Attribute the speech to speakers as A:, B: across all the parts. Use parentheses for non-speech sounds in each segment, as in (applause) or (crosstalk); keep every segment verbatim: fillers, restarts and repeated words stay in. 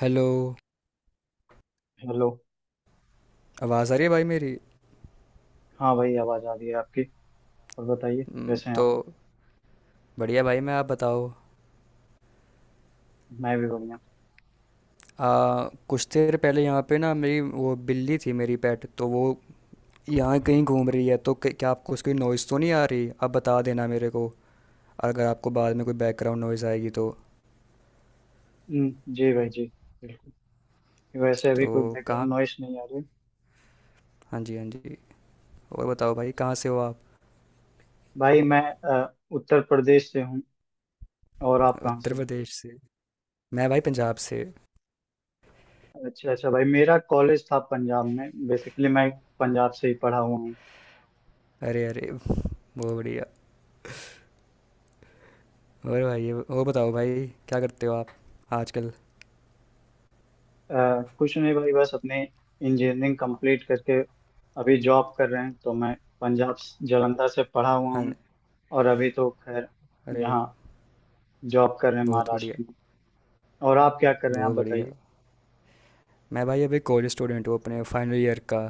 A: Hello.
B: Hello.
A: आवाज़ आ रही है भाई मेरी?
B: हाँ भाई आवाज़ आ रही है आपकी। और बताइए
A: हम्म,
B: कैसे हैं
A: तो
B: आप।
A: बढ़िया भाई, मैं आप बताओ।
B: मैं भी बढ़िया।
A: आ, कुछ देर पहले यहाँ पे ना मेरी वो बिल्ली थी, मेरी पेट, तो वो यहाँ कहीं घूम रही है, तो क- क्या आपको उसकी नॉइज़ तो नहीं आ रही? आप बता देना मेरे को अगर आपको बाद में कोई बैकग्राउंड नॉइज़ आएगी तो।
B: हम्म, जी भाई जी। बिल्कुल। वैसे अभी
A: तो
B: कोई
A: कहाँ?
B: बैकग्राउंड नॉइस नहीं आ रही।
A: हाँ जी, हाँ जी। और बताओ भाई, कहाँ से हो आप?
B: भाई मैं अ, उत्तर प्रदेश से हूँ। और आप कहाँ से
A: उत्तर
B: हो।
A: प्रदेश से। मैं भाई पंजाब से।
B: अच्छा अच्छा भाई, मेरा कॉलेज था पंजाब में, बेसिकली मैं पंजाब से ही पढ़ा हुआ हूँ।
A: अरे अरे, बहुत बढ़िया। और भाई, और बताओ भाई, क्या करते हो आप आजकल?
B: अ, कुछ नहीं भाई, बस अपने इंजीनियरिंग कंप्लीट करके अभी जॉब कर रहे हैं। तो मैं पंजाब स- जालंधर से पढ़ा हुआ
A: हाँ।
B: हूँ। और अभी तो खैर
A: अरे,
B: यहाँ जॉब कर रहे हैं
A: बहुत बढ़िया।
B: महाराष्ट्र। और आप क्या कर रहे हैं, आप
A: बहुत बढ़िया।
B: बताइए।
A: मैं भाई अभी कॉलेज स्टूडेंट हूँ अपने फाइनल ईयर का।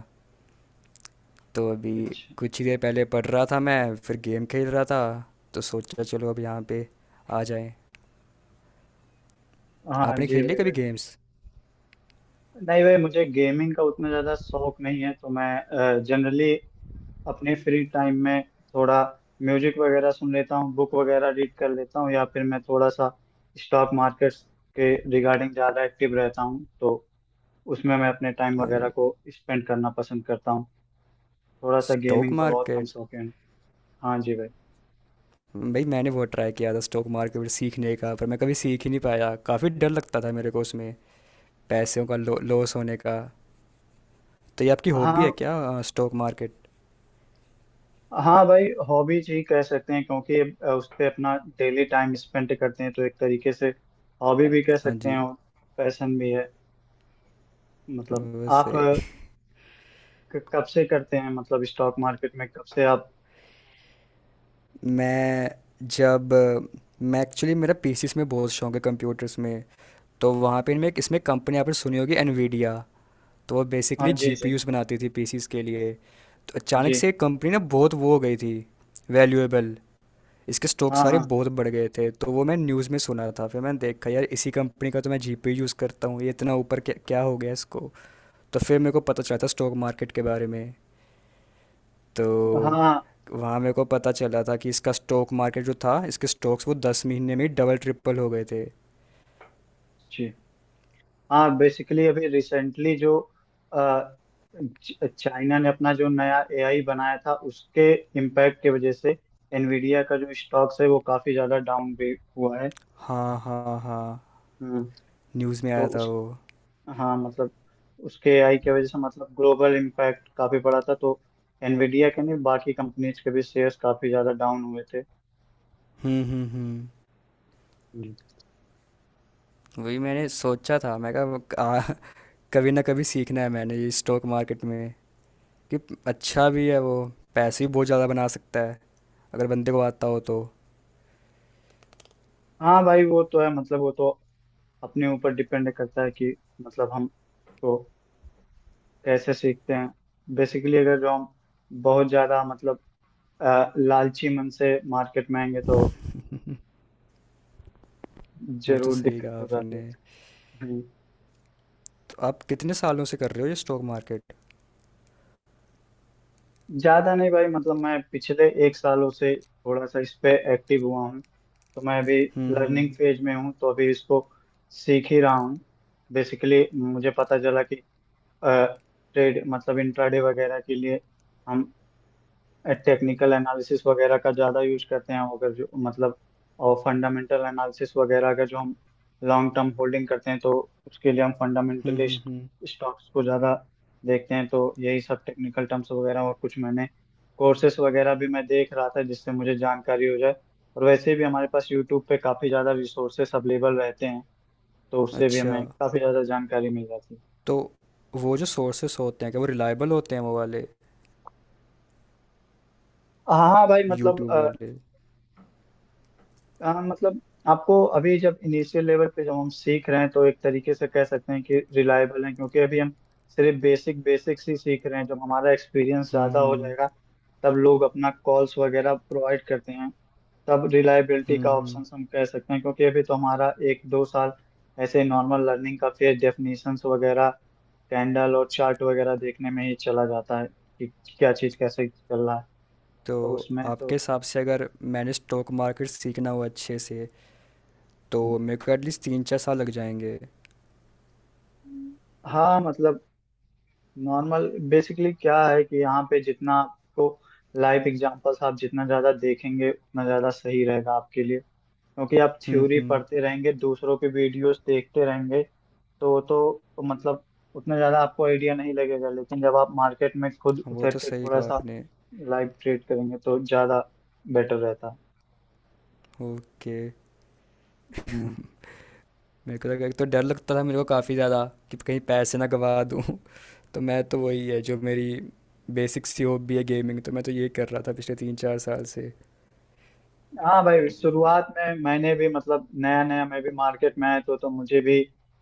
A: तो अभी
B: अच्छा।
A: कुछ ही देर पहले पढ़ रहा था, मैं फिर गेम खेल रहा था, तो सोचा चलो अब यहाँ पे आ जाएं।
B: हाँ
A: आपने
B: जी
A: खेल लिया
B: भाई
A: कभी
B: भाई।
A: गेम्स?
B: नहीं भाई, मुझे गेमिंग का उतना ज़्यादा शौक नहीं है, तो मैं जनरली अपने फ्री टाइम में थोड़ा म्यूजिक वगैरह सुन लेता हूँ, बुक वगैरह रीड कर लेता हूँ। या फिर मैं थोड़ा सा स्टॉक मार्केट्स के रिगार्डिंग ज़्यादा एक्टिव रहता हूँ, तो उसमें मैं अपने टाइम
A: अरे,
B: वगैरह को स्पेंड करना पसंद करता हूँ। थोड़ा सा
A: स्टॉक
B: गेमिंग का बहुत कम
A: मार्केट।
B: शौक है। हाँ जी भाई।
A: भाई मैंने बहुत ट्राई किया था स्टॉक मार्केट सीखने का, पर मैं कभी सीख ही नहीं पाया। काफ़ी डर लगता था मेरे को उसमें पैसों का, लो, लॉस होने का। तो ये आपकी हॉबी है
B: हाँ
A: क्या, स्टॉक मार्केट?
B: हाँ भाई, हॉबीज ही कह सकते हैं, क्योंकि अ, उस पे अपना डेली टाइम स्पेंड करते हैं, तो एक तरीके से हॉबी भी कह
A: हाँ
B: सकते हैं
A: जी।
B: और पैशन भी है। मतलब
A: वो
B: आप
A: सही।
B: अ, क- कब से करते हैं, मतलब स्टॉक मार्केट में कब से आप।
A: मैं जब मैं एक्चुअली, मेरा पीसीस में बहुत शौक है, कंप्यूटर्स में। तो वहाँ पे मैं इसमें, कंपनी आपने सुनी होगी एनवीडिया, तो वो
B: हाँ
A: बेसिकली
B: जी जी
A: जीपीयूस बनाती थी पीसीस के लिए। तो अचानक
B: जी।
A: से एक कंपनी ना बहुत वो हो गई थी वैल्यूएबल। इसके स्टॉक
B: हाँ
A: सारे
B: हाँ।
A: बहुत बढ़ गए थे, तो वो मैं न्यूज़ में सुना था। फिर मैंने देखा यार, इसी कंपनी का तो मैं जीपीयू यूज़ करता हूँ, ये इतना ऊपर क्या क्या हो गया इसको? तो फिर मेरे को पता चला था स्टॉक मार्केट के बारे में। तो
B: हाँ
A: वहाँ मेरे को पता चला था कि इसका स्टॉक मार्केट जो था, इसके स्टॉक्स वो दस महीने में ही डबल ट्रिपल हो गए थे।
B: जी। हाँ, बेसिकली अभी रिसेंटली जो अ, च- चाइना ने अपना जो नया ए आई बनाया था, उसके इम्पैक्ट की वजह से एनवीडिया का जो स्टॉक्स है वो काफी ज्यादा डाउन भी हुआ है।
A: हाँ हाँ हाँ,
B: हम्म।
A: न्यूज़ में
B: तो
A: आया था
B: उस
A: वो।
B: हाँ मतलब उसके आई की वजह से मतलब ग्लोबल इम्पैक्ट काफी बड़ा था, तो एनवीडिया के नहीं बाकी कंपनीज के भी शेयर्स काफी ज्यादा डाउन हुए थे।
A: हम्म हम्म हम्म,
B: हम्म।
A: वही मैंने सोचा था। मैं कहा आ, कभी ना कभी सीखना है मैंने ये स्टॉक मार्केट में। कि अच्छा भी है वो, पैसे भी बहुत ज़्यादा बना सकता है अगर बंदे को आता हो तो।
B: हाँ भाई वो तो है, मतलब वो तो अपने ऊपर डिपेंड करता है कि मतलब हम तो कैसे सीखते हैं। बेसिकली अगर जो हम बहुत ज्यादा मतलब अ, लालची मन से मार्केट में आएंगे तो
A: वो तो
B: जरूर
A: सही
B: दिक्कत
A: कहा
B: हो जाती है।
A: आपने।
B: हम्म।
A: तो आप कितने सालों से कर रहे हो ये स्टॉक मार्केट?
B: ज्यादा नहीं भाई, मतलब मैं पिछले एक सालों से थोड़ा सा इस पे एक्टिव हुआ हूँ, तो मैं अभी
A: हम्म
B: लर्निंग
A: हम्म
B: फेज में हूँ, तो अभी इसको सीख ही रहा हूँ। बेसिकली मुझे पता चला कि ट्रेड मतलब इंट्राडे वगैरह के लिए हम टेक्निकल एनालिसिस वगैरह का ज़्यादा यूज करते हैं, अगर जो मतलब। और फंडामेंटल एनालिसिस वगैरह अगर जो हम लॉन्ग टर्म होल्डिंग करते हैं तो उसके लिए हम
A: हम्म।
B: फंडामेंटली
A: हम्म हम्म।
B: स्टॉक्स को ज़्यादा देखते हैं। तो यही सब टेक्निकल टर्म्स वगैरह, और कुछ मैंने कोर्सेस वगैरह भी मैं देख रहा था जिससे मुझे जानकारी हो जाए। और वैसे भी हमारे पास यूट्यूब पे काफ़ी ज़्यादा रिसोर्सेस अवेलेबल रहते हैं, तो उससे भी
A: अच्छा।
B: हमें काफ़ी ज़्यादा जानकारी मिल जाती है।
A: तो वो जो सोर्सेस होते हैं, क्या वो रिलायबल होते हैं, वो वाले
B: हाँ हाँ भाई, मतलब।
A: यूट्यूब वाले?
B: हाँ मतलब आपको अभी जब इनिशियल लेवल पे जब हम सीख रहे हैं तो एक तरीके से कह सकते हैं कि रिलायबल है, क्योंकि अभी हम सिर्फ बेसिक बेसिक्स ही सीख रहे हैं। जब हमारा एक्सपीरियंस
A: हम्म
B: ज़्यादा हो जाएगा
A: हम्म।
B: तब लोग अपना कॉल्स वगैरह प्रोवाइड करते हैं, तब रिलायबिलिटी का
A: हम्म हम्म।
B: ऑप्शन हम कह सकते हैं, क्योंकि अभी तो हमारा एक दो साल ऐसे नॉर्मल लर्निंग का फिर डेफिनेशंस वगैरह, कैंडल और चार्ट वगैरह देखने में ही चला जाता है कि क्या चीज़ कैसे चल रहा है।
A: तो
B: तो उसमें
A: आपके
B: तो
A: हिसाब से अगर मैंने स्टॉक मार्केट सीखना हो अच्छे से, तो मेरे को एटलीस्ट तीन चार साल लग जाएंगे?
B: हाँ मतलब नॉर्मल बेसिकली क्या है कि यहाँ पे जितना आपको लाइव एग्जांपल्स आप जितना ज़्यादा देखेंगे उतना ज़्यादा सही रहेगा आपके लिए, क्योंकि आप
A: हम्म
B: थ्योरी
A: हम्म।
B: पढ़ते रहेंगे दूसरों के वीडियोस देखते रहेंगे तो तो मतलब उतना ज़्यादा आपको आइडिया नहीं लगेगा, लेकिन जब आप मार्केट में खुद
A: वो
B: उतर
A: तो
B: के
A: सही
B: थोड़ा
A: कहा
B: सा
A: आपने।
B: लाइव ट्रेड करेंगे तो ज़्यादा बेटर रहता
A: ओके।
B: है।
A: मेरे को लगा, एक तो डर लगता था मेरे को काफ़ी ज़्यादा, कि कहीं पैसे ना गवा दूँ (laughs) तो मैं तो, वही है जो मेरी बेसिक सी हॉबी है गेमिंग, तो मैं तो ये कर रहा था पिछले तीन चार साल से।
B: हाँ भाई, शुरुआत में मैंने भी मतलब नया नया मैं भी मार्केट में आया तो तो मुझे भी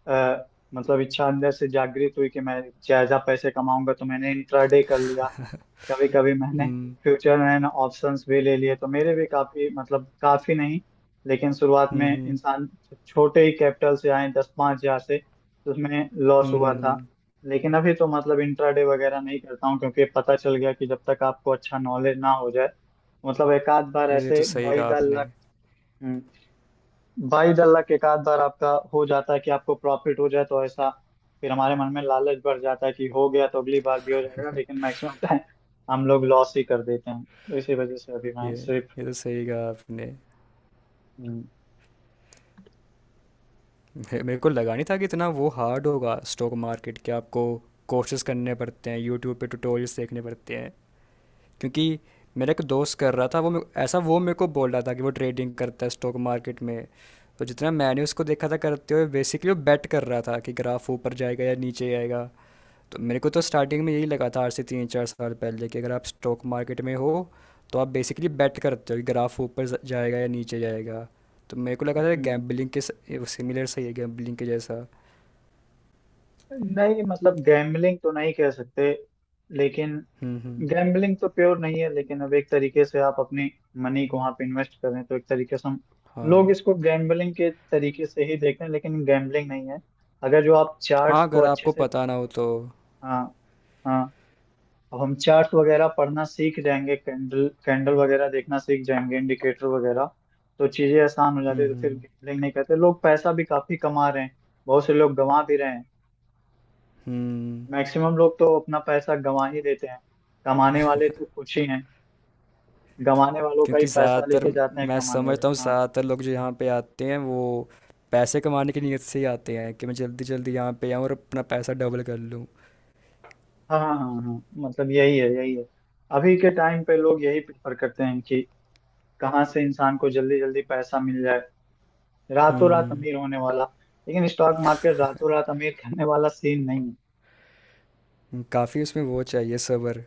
B: आ, मतलब इच्छा अंदर से जागृत हुई कि मैं ज्यादा पैसे कमाऊंगा, तो मैंने इंट्राडे कर लिया। कभी कभी मैंने
A: हम्म
B: फ्यूचर एंड ऑप्शंस भी ले लिए, तो मेरे भी काफी मतलब काफी नहीं, लेकिन शुरुआत में
A: हम्म हम्म
B: इंसान छोटे ही कैपिटल से आए दस पाँच हजार से, तो उसमें लॉस
A: हम्म
B: हुआ था।
A: हम्म,
B: लेकिन अभी तो मतलब इंट्राडे वगैरह नहीं करता हूँ, क्योंकि पता चल गया कि जब तक आपको अच्छा नॉलेज ना हो जाए, मतलब एक आध बार
A: ये तो
B: ऐसे
A: सही
B: बाई
A: कहा
B: द
A: आपने।
B: लक भाई अल्लाह के एक आध बार आपका हो जाता है कि आपको प्रॉफिट हो जाए, तो ऐसा फिर हमारे मन में लालच बढ़ जाता है कि हो गया तो अगली बार भी हो जाएगा, लेकिन मैक्सिमम टाइम हम लोग लॉस ही कर देते हैं, तो इसी वजह से अभी मैं
A: ये
B: सिर्फ।
A: ये तो सही कहा आपने।
B: हम्म,
A: मे- मेरे को लगा नहीं था कि इतना वो हार्ड होगा स्टॉक मार्केट के, आपको कोर्सेज करने पड़ते हैं, यूट्यूब पे ट्यूटोरियल्स देखने पड़ते हैं। क्योंकि मेरा एक दोस्त कर रहा था वो, मे- ऐसा वो मेरे को बोल रहा था कि वो ट्रेडिंग करता है स्टॉक मार्केट में। तो जितना मैंने उसको देखा था करते हुए, बेसिकली वो बेट कर रहा था कि ग्राफ ऊपर जाएगा या नीचे आएगा। तो मेरे को तो स्टार्टिंग में यही लगा था, आज से तीन चार साल पहले, कि अगर आप स्टॉक मार्केट में हो तो आप बेसिकली बेट करते हो कि ग्राफ ऊपर ज- जाएगा या नीचे जाएगा। तो मेरे को लगा था
B: हम्म।
A: गैम्बलिंग के सिमिलर, सही है, गैम्बलिंग के जैसा।
B: नहीं मतलब गैम्बलिंग तो नहीं कह सकते, लेकिन
A: हम्म हम्म।
B: गैम्बलिंग तो प्योर नहीं है, लेकिन अब एक तरीके से आप अपने मनी को वहां पे इन्वेस्ट करें तो एक तरीके से हम लोग
A: हाँ,
B: इसको गैम्बलिंग के तरीके से ही देखते हैं, लेकिन गैम्बलिंग नहीं है अगर जो आप
A: हाँ
B: चार्ट्स को
A: अगर
B: अच्छे
A: आपको
B: से।
A: पता ना हो तो।
B: हाँ हाँ, अब हम चार्ट वगैरह पढ़ना सीख जाएंगे, कैंडल कैंडल वगैरह देखना सीख जाएंगे, इंडिकेटर वगैरह, तो चीजें आसान हो जाती
A: हम्म
B: है, तो फिर
A: हम्म
B: गैम्बलिंग नहीं करते, लोग पैसा भी काफी कमा रहे हैं। बहुत से लोग गंवा भी रहे हैं,
A: हम्म,
B: मैक्सिमम लोग तो अपना पैसा गंवा ही देते हैं। कमाने वाले तो कुछ ही हैं, गंवाने वालों का ही
A: क्योंकि
B: पैसा
A: ज़्यादातर,
B: लेके जाते हैं
A: मैं
B: कमाने वाले,
A: समझता हूँ
B: हाँ।
A: ज़्यादातर लोग जो यहाँ पे आते हैं वो पैसे कमाने की नीयत से ही आते हैं कि मैं जल्दी जल्दी यहाँ पे आऊँ और अपना पैसा डबल कर लूँ।
B: हाँ हाँ हाँ हाँ, मतलब यही है, यही है। अभी के टाइम पे लोग यही प्रेफर करते हैं कि कहाँ से इंसान को जल्दी जल्दी पैसा मिल जाए, रातों रात
A: हम्म,
B: अमीर होने वाला। लेकिन स्टॉक मार्केट रातों रात अमीर करने वाला सीन नहीं है।
A: काफ़ी उसमें वो चाहिए सब्र।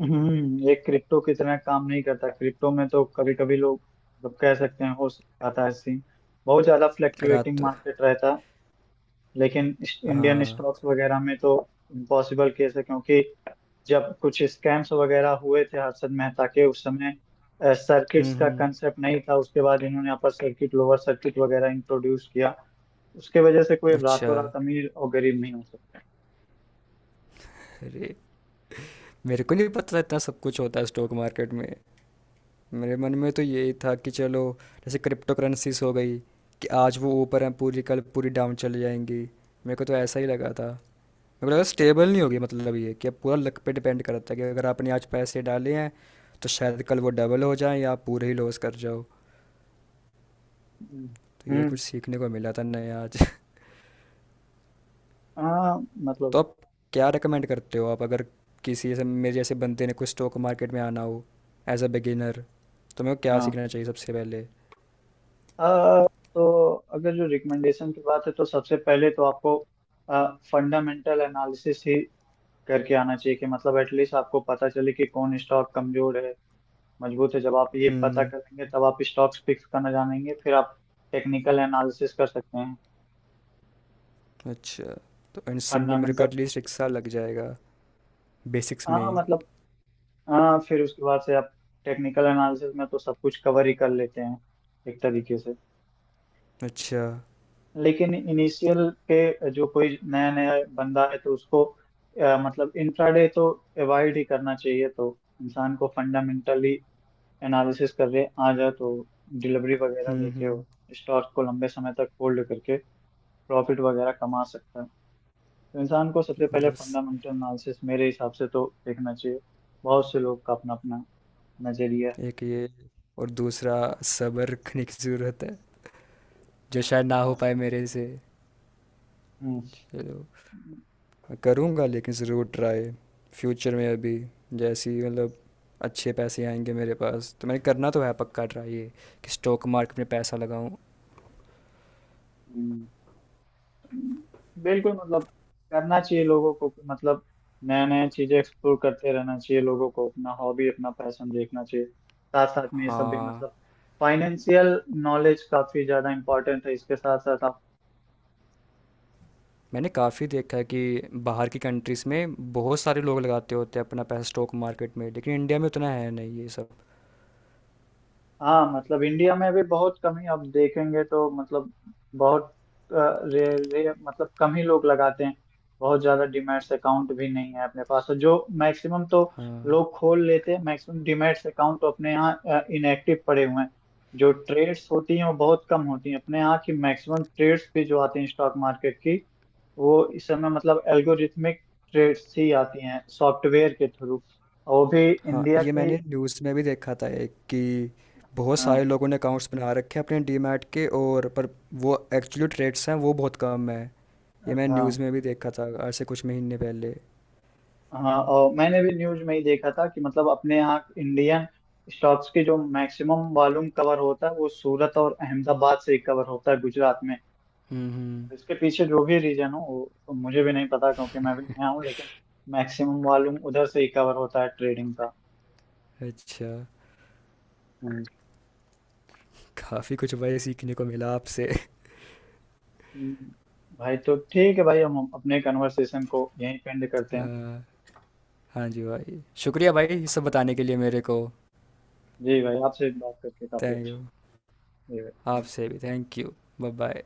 B: हम्म ये क्रिप्टो की तरह काम नहीं करता, क्रिप्टो में तो कभी कभी लोग मतलब कह सकते हैं हो जाता है सीन, बहुत ज्यादा फ्लक्चुएटिंग
A: रात।
B: मार्केट रहता है। लेकिन इस- इंडियन
A: हाँ।
B: स्टॉक्स वगैरह में तो इम्पॉसिबल केस है, क्योंकि जब कुछ स्कैम्स वगैरह हुए थे हर्षद मेहता के, उस समय
A: हुँ,
B: सर्किट्स का
A: हुँ।
B: कंसेप्ट नहीं था। उसके बाद इन्होंने अपर सर्किट लोअर सर्किट वगैरह इंट्रोड्यूस किया, उसके वजह से कोई
A: अच्छा,
B: रातों रात अमीर और गरीब नहीं हो सकता।
A: अरे! मेरे को नहीं पता था इतना सब कुछ होता है स्टॉक मार्केट में। मेरे मन में तो यही था कि चलो, जैसे क्रिप्टोकरेंसीज़ हो गई कि आज वो ऊपर हैं पूरी, कल पूरी डाउन चली जाएँगी। मेरे को तो ऐसा ही लगा था। मेरे को लगा स्टेबल नहीं होगी, मतलब ये कि अब पूरा लक पे डिपेंड करता है कि अगर आपने आज पैसे डाले हैं तो शायद कल वो डबल हो जाएँ या आप पूरे ही लॉस कर जाओ।
B: हम्म,
A: तो ये
B: हम्म।
A: कुछ सीखने को मिला था नया आज।
B: आ,
A: तो
B: मतलब
A: आप क्या रेकमेंड करते हो आप, अगर किसी ऐसे मेरे जैसे बंदे ने कुछ स्टॉक मार्केट में आना हो, एज अ बिगिनर, तो मेरे को क्या
B: हाँ,
A: सीखना चाहिए सबसे पहले?
B: आ, तो अगर जो रिकमेंडेशन की बात है तो सबसे पहले तो आपको फंडामेंटल एनालिसिस ही करके आना चाहिए कि मतलब एटलीस्ट आपको पता चले कि कौन स्टॉक कमजोर है, मजबूत है। जब आप ये पता
A: हम्म।
B: करेंगे तब आप स्टॉक्स पिक्स करना जानेंगे, फिर आप टेक्निकल एनालिसिस कर सकते हैं।
A: अच्छा। तो इन सब में मेरे को
B: फंडामेंटल
A: एटलीस्ट एक साल लग जाएगा बेसिक्स
B: हाँ
A: में?
B: मतलब हाँ, फिर उसके बाद से आप टेक्निकल एनालिसिस में तो सब कुछ कवर ही कर लेते हैं एक तरीके से।
A: अच्छा।
B: लेकिन इनिशियल पे जो कोई नया नया बंदा है तो उसको अ, मतलब इंट्राडे तो अवॉइड ही करना चाहिए, तो इंसान को फंडामेंटली एनालिसिस कर रहे आ जाए तो डिलीवरी वगैरह
A: हम्म
B: लेके
A: हम्म।
B: वो स्टॉक को लंबे समय तक होल्ड करके प्रॉफिट वगैरह कमा सकता है। तो इंसान को सबसे पहले
A: मतलब स-
B: फंडामेंटल एनालिसिस मेरे हिसाब से तो देखना चाहिए। बहुत से लोग का अपना अपना नजरिया
A: एक ये, और दूसरा सब्र रखने की ज़रूरत है, जो शायद ना हो
B: है।
A: पाए मेरे से।
B: हम्म
A: चलो, करूँगा लेकिन ज़रूर ट्राई फ्यूचर में। अभी जैसे ही मतलब अच्छे पैसे आएंगे मेरे पास, तो मैंने करना तो है पक्का ट्राई ये, कि स्टॉक मार्केट में पैसा लगाऊँ।
B: हम्म। बिल्कुल, मतलब करना चाहिए लोगों को कि मतलब नया नया चीजें एक्सप्लोर करते रहना चाहिए लोगों को, अपना हॉबी अपना पैशन देखना चाहिए, साथ साथ में ये सब भी,
A: हाँ।
B: मतलब फाइनेंशियल नॉलेज काफी ज्यादा इम्पोर्टेंट है इसके साथ साथ।
A: मैंने काफ़ी देखा है कि बाहर की कंट्रीज़ में बहुत सारे लोग लगाते होते हैं अपना पैसा स्टॉक मार्केट में, लेकिन इंडिया में उतना है नहीं ये सब।
B: हाँ मतलब इंडिया में भी बहुत कम ही आप देखेंगे, तो मतलब बहुत अ, रे, रे, मतलब कम ही लोग लगाते हैं। बहुत ज्यादा डीमैट्स अकाउंट भी नहीं है अपने पास, और जो मैक्सिमम तो
A: हाँ
B: लोग खोल लेते हैं मैक्सिमम डीमैट्स अकाउंट तो अपने यहाँ इनएक्टिव पड़े हुए हैं। जो ट्रेड्स होती हैं वो बहुत कम होती हैं अपने यहाँ की। मैक्सिमम ट्रेड्स भी जो आती हैं स्टॉक मार्केट की वो इस समय मतलब एल्गोरिथमिक ट्रेड्स ही आती हैं सॉफ्टवेयर के थ्रू, और वो भी
A: हाँ,
B: इंडिया
A: ये
B: की।
A: मैंने न्यूज़ में भी देखा था एक, कि बहुत
B: हाँ
A: सारे लोगों ने अकाउंट्स बना रखे हैं अपने डीमैट के, और पर वो एक्चुअली ट्रेड्स हैं वो बहुत कम है। ये मैंने
B: हाँ
A: न्यूज़ में भी देखा था आज से कुछ महीने पहले।
B: हाँ, और मैंने भी न्यूज में ही देखा था कि मतलब अपने यहाँ इंडियन स्टॉक्स के जो मैक्सिमम वॉल्यूम कवर होता है वो सूरत और अहमदाबाद से ही कवर होता है गुजरात में।
A: हम्म हम्म,
B: इसके पीछे जो भी रीजन हो वो तो मुझे भी नहीं पता, क्योंकि मैं भी नया हूँ, लेकिन मैक्सिमम वॉल्यूम उधर से ही कवर होता है ट्रेडिंग का।
A: अच्छा।
B: हम्म।
A: काफ़ी कुछ भाई सीखने को मिला आपसे (laughs)
B: हम्म, भाई तो ठीक है भाई, हम अपने कन्वर्सेशन को यहीं पेंड करते हैं।
A: अ, हाँ जी भाई, शुक्रिया भाई ये सब बताने के लिए मेरे को।
B: जी भाई, आपसे बात करके काफी
A: थैंक
B: अच्छा,
A: यू।
B: जी भाई।
A: आपसे भी थैंक यू। Bye bye.